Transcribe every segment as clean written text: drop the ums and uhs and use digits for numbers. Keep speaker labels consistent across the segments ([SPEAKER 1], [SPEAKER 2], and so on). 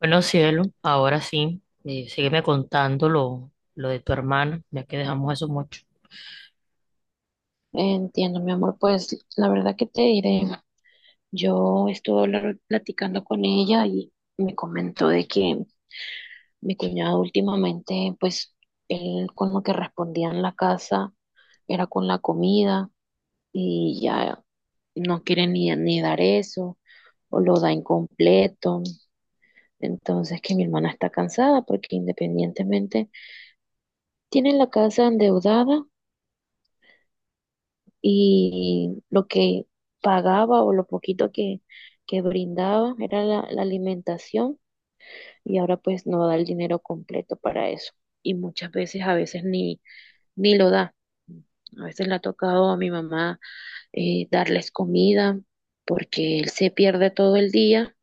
[SPEAKER 1] Bueno, cielo, ahora sí, sígueme contando lo de tu hermana, ya que dejamos eso mucho.
[SPEAKER 2] Entiendo, mi amor, pues la verdad que te diré, yo estuve platicando con ella y me comentó de que mi cuñado últimamente, pues él con lo que respondía en la casa era con la comida y ya no quiere ni dar eso o lo da incompleto. Entonces que mi hermana está cansada porque independientemente tiene la casa endeudada y lo que pagaba o lo poquito que brindaba era la alimentación y ahora pues no da el dinero completo para eso y muchas veces a veces ni lo da. A veces le ha tocado a mi mamá darles comida porque él se pierde todo el día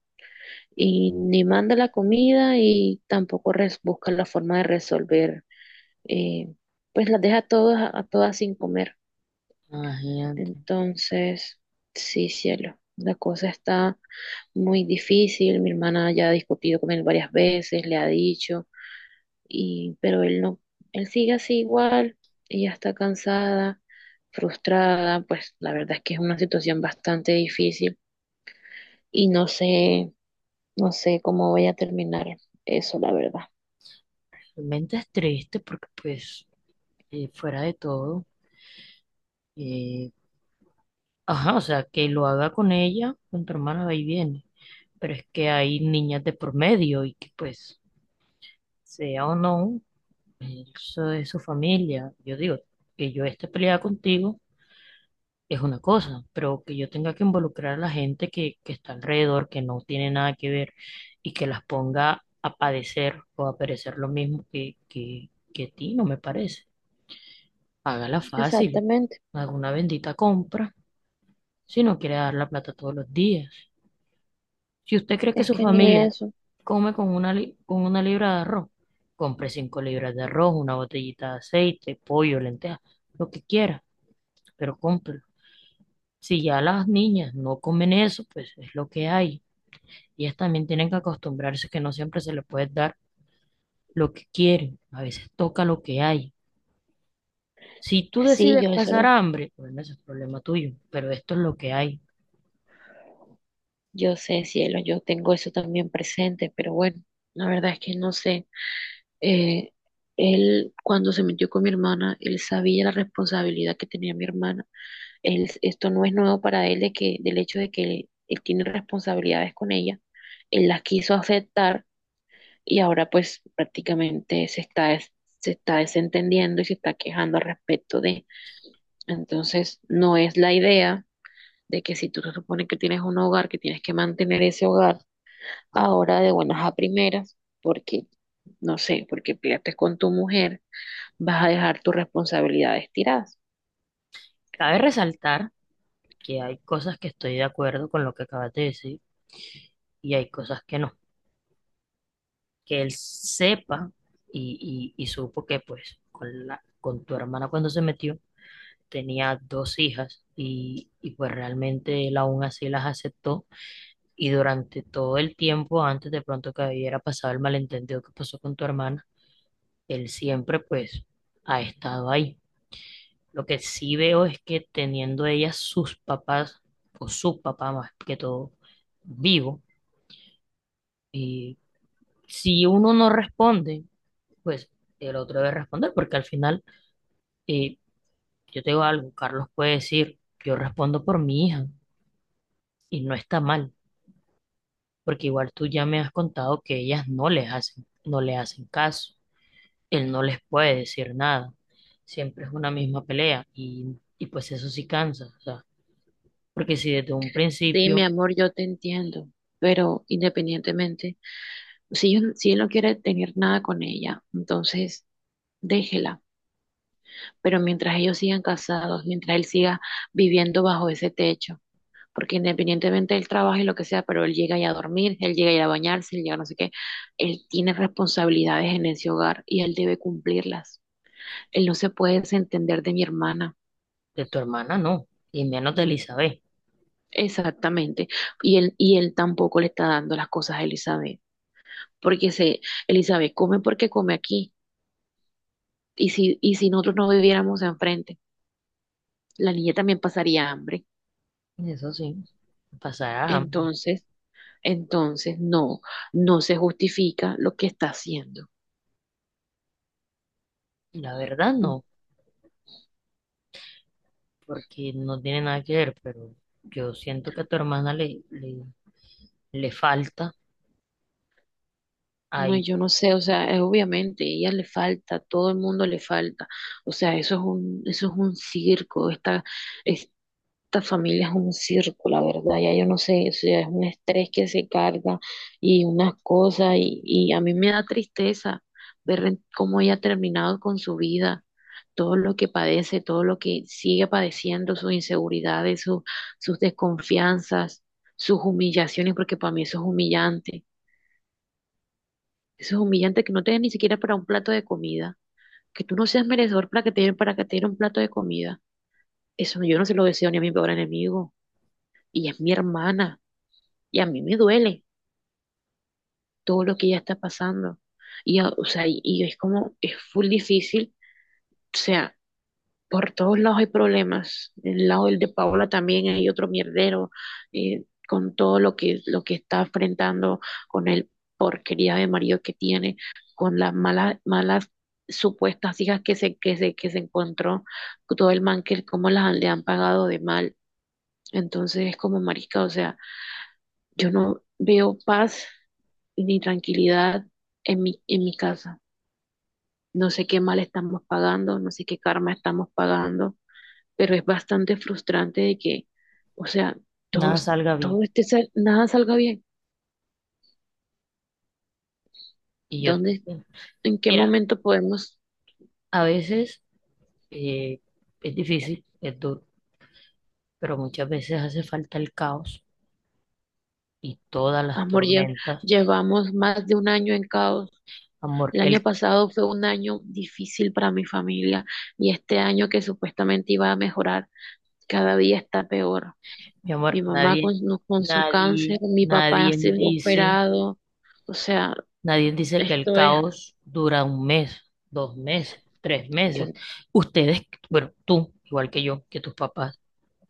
[SPEAKER 2] y ni manda la comida y tampoco busca la forma de resolver, eh, pues las deja a todas sin comer.
[SPEAKER 1] Imagínate,
[SPEAKER 2] Entonces, sí, cielo, la cosa está muy difícil. Mi hermana ya ha discutido con él varias veces, le ha dicho, y, pero él no, él sigue así igual. Ella está cansada, frustrada, pues la verdad es que es una situación bastante difícil y no sé, no sé cómo voy a terminar eso, la verdad.
[SPEAKER 1] realmente es triste porque pues fuera de todo, eh, ajá, o sea, que lo haga con ella, con tu hermana va y viene, pero es que hay niñas de por medio y que pues, sea o no, eso es su familia. Yo digo que yo esté peleada contigo es una cosa, pero que yo tenga que involucrar a la gente que está alrededor, que no tiene nada que ver y que las ponga a padecer o a perecer lo mismo que a ti, no me parece. Hágala fácil,
[SPEAKER 2] Exactamente,
[SPEAKER 1] haga una bendita compra si no quiere dar la plata todos los días. Si usted cree que
[SPEAKER 2] es
[SPEAKER 1] su
[SPEAKER 2] que ni
[SPEAKER 1] familia
[SPEAKER 2] eso.
[SPEAKER 1] come con una, con una libra de arroz, compre cinco libras de arroz, una botellita de aceite, pollo, lentejas, lo que quiera, pero compre. Si ya las niñas no comen eso, pues es lo que hay. Ellas también tienen que acostumbrarse que no siempre se les puede dar lo que quieren. A veces toca lo que hay. Si tú
[SPEAKER 2] Sí,
[SPEAKER 1] decides
[SPEAKER 2] yo eso
[SPEAKER 1] pasar
[SPEAKER 2] lo,
[SPEAKER 1] hambre, bueno, ese es problema tuyo, pero esto es lo que hay.
[SPEAKER 2] yo sé, cielo, yo tengo eso también presente, pero bueno, la verdad es que no sé. Eh, él, cuando se metió con mi hermana, él sabía la responsabilidad que tenía mi hermana. Él, esto no es nuevo para él de que, del hecho de que él tiene responsabilidades con ella. Él las quiso aceptar y ahora pues prácticamente se está, se está desentendiendo y se está quejando al respecto de. Entonces, no es la idea de que si tú se supone que tienes un hogar, que tienes que mantener ese hogar ahora de buenas a primeras, porque, no sé, porque peleaste con tu mujer vas a dejar tus responsabilidades tiradas.
[SPEAKER 1] Cabe resaltar que hay cosas que estoy de acuerdo con lo que acabas de decir y hay cosas que no. Que él sepa y supo que pues con la, con tu hermana cuando se metió tenía dos hijas y pues realmente él aún así las aceptó. Y durante todo el tiempo, antes de pronto que hubiera pasado el malentendido que pasó con tu hermana, él siempre pues ha estado ahí. Lo que sí veo es que teniendo ella sus papás, o su papá más que todo, vivo, y si uno no responde, pues el otro debe responder, porque al final, eh, yo te digo algo, Carlos puede decir, yo respondo por mi hija, y no está mal, porque igual tú ya me has contado que ellas no les hacen, no le hacen caso, él no les puede decir nada. Siempre es una misma pelea y pues eso sí cansa, o sea, porque si desde un
[SPEAKER 2] Sí, mi
[SPEAKER 1] principio
[SPEAKER 2] amor, yo te entiendo, pero independientemente, si, si él no quiere tener nada con ella, entonces déjela. Pero mientras ellos sigan casados, mientras él siga viviendo bajo ese techo, porque independientemente él trabaje lo que sea, pero él llega ya a dormir, él llega ya a bañarse, él llega a no sé qué, él tiene responsabilidades en ese hogar y él debe cumplirlas. Él no se puede desentender de mi hermana.
[SPEAKER 1] de tu hermana no, y menos de Elizabeth,
[SPEAKER 2] Exactamente. Y él tampoco le está dando las cosas a Elizabeth, porque se, Elizabeth come porque come aquí. Y si nosotros no viviéramos enfrente, la niña también pasaría hambre.
[SPEAKER 1] eso sí, pasarás hambre.
[SPEAKER 2] Entonces, entonces no, no se justifica lo que está haciendo.
[SPEAKER 1] La verdad
[SPEAKER 2] Mm.
[SPEAKER 1] no, porque no tiene nada que ver, pero yo siento que a tu hermana le falta
[SPEAKER 2] No,
[SPEAKER 1] ahí,
[SPEAKER 2] yo
[SPEAKER 1] pues,
[SPEAKER 2] no sé, o sea, es obviamente, ella le falta, todo el mundo le falta. O sea, eso es un circo, está, esta familia es un circo, la verdad, ya yo no sé, o sea, es un estrés que se carga y unas cosas, y a mí me da tristeza ver cómo ella ha terminado con su vida, todo lo que padece, todo lo que sigue padeciendo, sus inseguridades, sus desconfianzas, sus humillaciones, porque para mí eso es humillante que no te den ni siquiera para un plato de comida, que tú no seas merecedor para que te den, para que te den un plato de comida, eso yo no se lo deseo ni a mi peor enemigo, y es mi hermana. Y a mí me duele todo lo que ella está pasando. Y, o sea, y es como, es full difícil. O sea, por todos lados hay problemas. El lado del de Paola también hay otro mierdero con todo lo que está enfrentando, con el porquería de marido que tiene, con las malas, malas supuestas hijas que se, que se, que se encontró, todo el man que cómo le han pagado de mal. Entonces es como marisca, o sea. Yo no veo paz ni tranquilidad en mi casa. No sé qué mal estamos pagando, no sé qué karma estamos pagando, pero es bastante frustrante de que, o sea,
[SPEAKER 1] nada
[SPEAKER 2] todos,
[SPEAKER 1] salga
[SPEAKER 2] todo
[SPEAKER 1] bien.
[SPEAKER 2] este, nada salga bien.
[SPEAKER 1] Y yo te
[SPEAKER 2] ¿Dónde,
[SPEAKER 1] entiendo.
[SPEAKER 2] en qué
[SPEAKER 1] Mira,
[SPEAKER 2] momento podemos,
[SPEAKER 1] a veces eh, es difícil, es duro, pero muchas veces hace falta el caos y todas las
[SPEAKER 2] amor,
[SPEAKER 1] tormentas.
[SPEAKER 2] llevamos más de un año en caos?
[SPEAKER 1] Amor,
[SPEAKER 2] El
[SPEAKER 1] el,
[SPEAKER 2] año pasado fue un año difícil para mi familia y este año que supuestamente iba a mejorar, cada día está peor.
[SPEAKER 1] mi
[SPEAKER 2] Mi
[SPEAKER 1] amor,
[SPEAKER 2] mamá
[SPEAKER 1] nadie,
[SPEAKER 2] con, con su
[SPEAKER 1] nadie,
[SPEAKER 2] cáncer, mi papá ha
[SPEAKER 1] nadie
[SPEAKER 2] sido
[SPEAKER 1] dice,
[SPEAKER 2] operado, o sea,
[SPEAKER 1] nadie dice que el
[SPEAKER 2] esto es,
[SPEAKER 1] caos dura un mes, dos meses, tres meses.
[SPEAKER 2] yo-
[SPEAKER 1] Ustedes, bueno, tú, igual que yo, que tus papás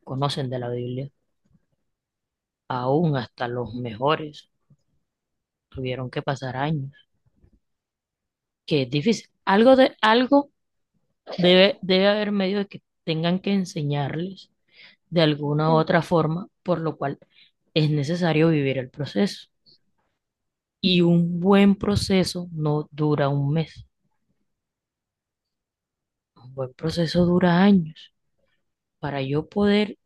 [SPEAKER 1] conocen de la Biblia, aún hasta los mejores tuvieron que pasar años, que es difícil. Algo debe, debe haber medio de que tengan que enseñarles de alguna u otra forma, por lo cual es necesario vivir el proceso. Y un buen proceso no dura un mes, un buen proceso dura años. Para yo poder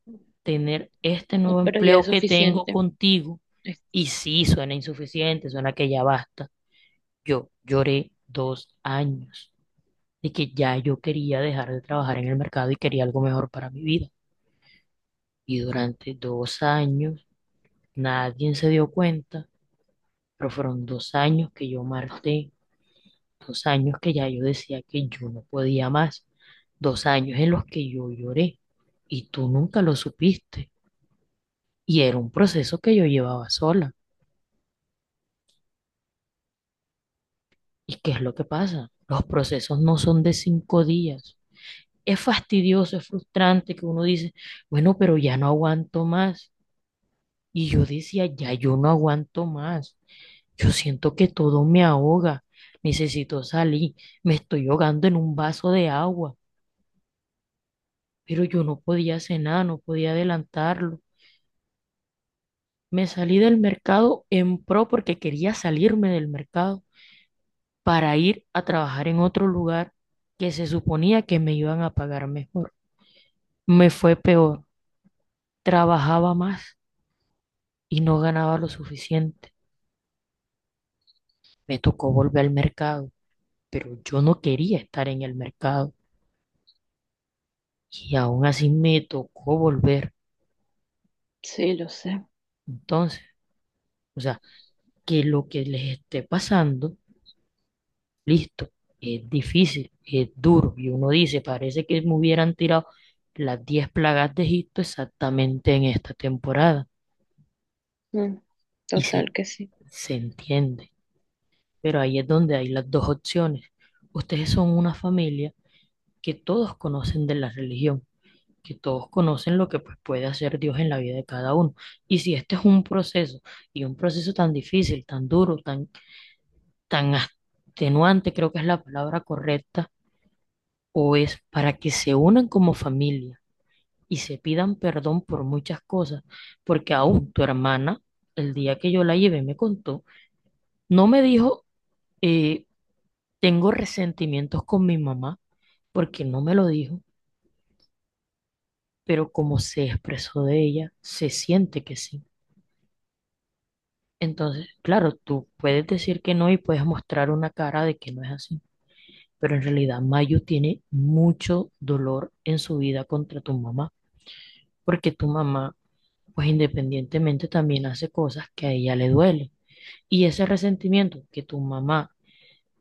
[SPEAKER 1] tener este
[SPEAKER 2] no,
[SPEAKER 1] nuevo
[SPEAKER 2] pero ya es
[SPEAKER 1] empleo que tengo
[SPEAKER 2] suficiente.
[SPEAKER 1] contigo,
[SPEAKER 2] Es-
[SPEAKER 1] y sí, suena insuficiente, suena que ya basta, yo lloré dos años de que ya yo quería dejar de trabajar en el mercado y quería algo mejor para mi vida. Y durante dos años nadie se dio cuenta, pero fueron dos años que yo marté, dos años que ya yo decía que yo no podía más, dos años en los que yo lloré y tú nunca lo supiste. Y era un proceso que yo llevaba sola. ¿Y qué es lo que pasa? Los procesos no son de cinco días. Es fastidioso, es frustrante que uno dice, bueno, pero ya no aguanto más. Y yo decía, ya yo no aguanto más. Yo siento que todo me ahoga. Necesito salir. Me estoy ahogando en un vaso de agua. Pero yo no podía hacer nada, no podía adelantarlo. Me salí del mercado en pro porque quería salirme del mercado para ir a trabajar en otro lugar que se suponía que me iban a pagar mejor. Me fue peor. Trabajaba más y no ganaba lo suficiente. Me tocó volver al mercado, pero yo no quería estar en el mercado y aún así me tocó volver.
[SPEAKER 2] sí, lo sé.
[SPEAKER 1] Entonces, o sea, que lo que les esté pasando, listo, es difícil, es duro. Y uno dice, parece que me hubieran tirado las 10 plagas de Egipto exactamente en esta temporada.
[SPEAKER 2] Mm,
[SPEAKER 1] Y
[SPEAKER 2] total
[SPEAKER 1] se,
[SPEAKER 2] que sí.
[SPEAKER 1] se entiende. Pero ahí es donde hay las dos opciones. Ustedes son una familia que todos conocen de la religión, que todos conocen lo que pues, puede hacer Dios en la vida de cada uno. Y si este es un proceso, y un proceso tan difícil, tan duro, tan extenuante, creo que es la palabra correcta, o es para que se unan como familia y se pidan perdón por muchas cosas, porque aún tu hermana, el día que yo la llevé, me contó, no me dijo, eh, tengo resentimientos con mi mamá, porque no me lo dijo, pero como se expresó de ella, se siente que sí. Entonces, claro, tú puedes decir que no y puedes mostrar una cara de que no es así, pero en realidad Mayu tiene mucho dolor en su vida contra tu mamá, porque tu mamá, pues independientemente, también hace cosas que a ella le duele. Y ese resentimiento que tu mamá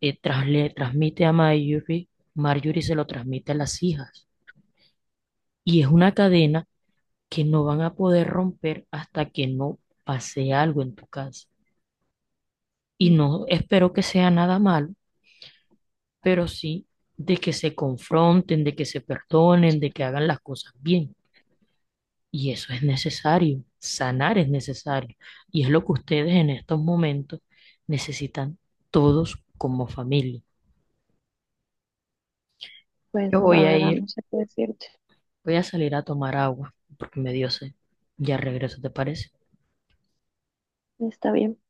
[SPEAKER 1] le transmite a Marjorie, Marjorie se lo transmite a las hijas. Y es una cadena que no van a poder romper hasta que no pase algo en tu casa. Y
[SPEAKER 2] Mm.
[SPEAKER 1] no espero que sea nada malo, pero sí de que se confronten, de que se perdonen, de que hagan las cosas bien. Y eso es necesario, sanar es necesario. Y es lo que ustedes en estos momentos necesitan todos como familia.
[SPEAKER 2] Pues
[SPEAKER 1] Yo
[SPEAKER 2] la
[SPEAKER 1] voy a
[SPEAKER 2] verdad
[SPEAKER 1] ir,
[SPEAKER 2] no sé qué decirte.
[SPEAKER 1] voy a salir a tomar agua porque me dio sed. Ya regreso, ¿te parece?
[SPEAKER 2] Está bien.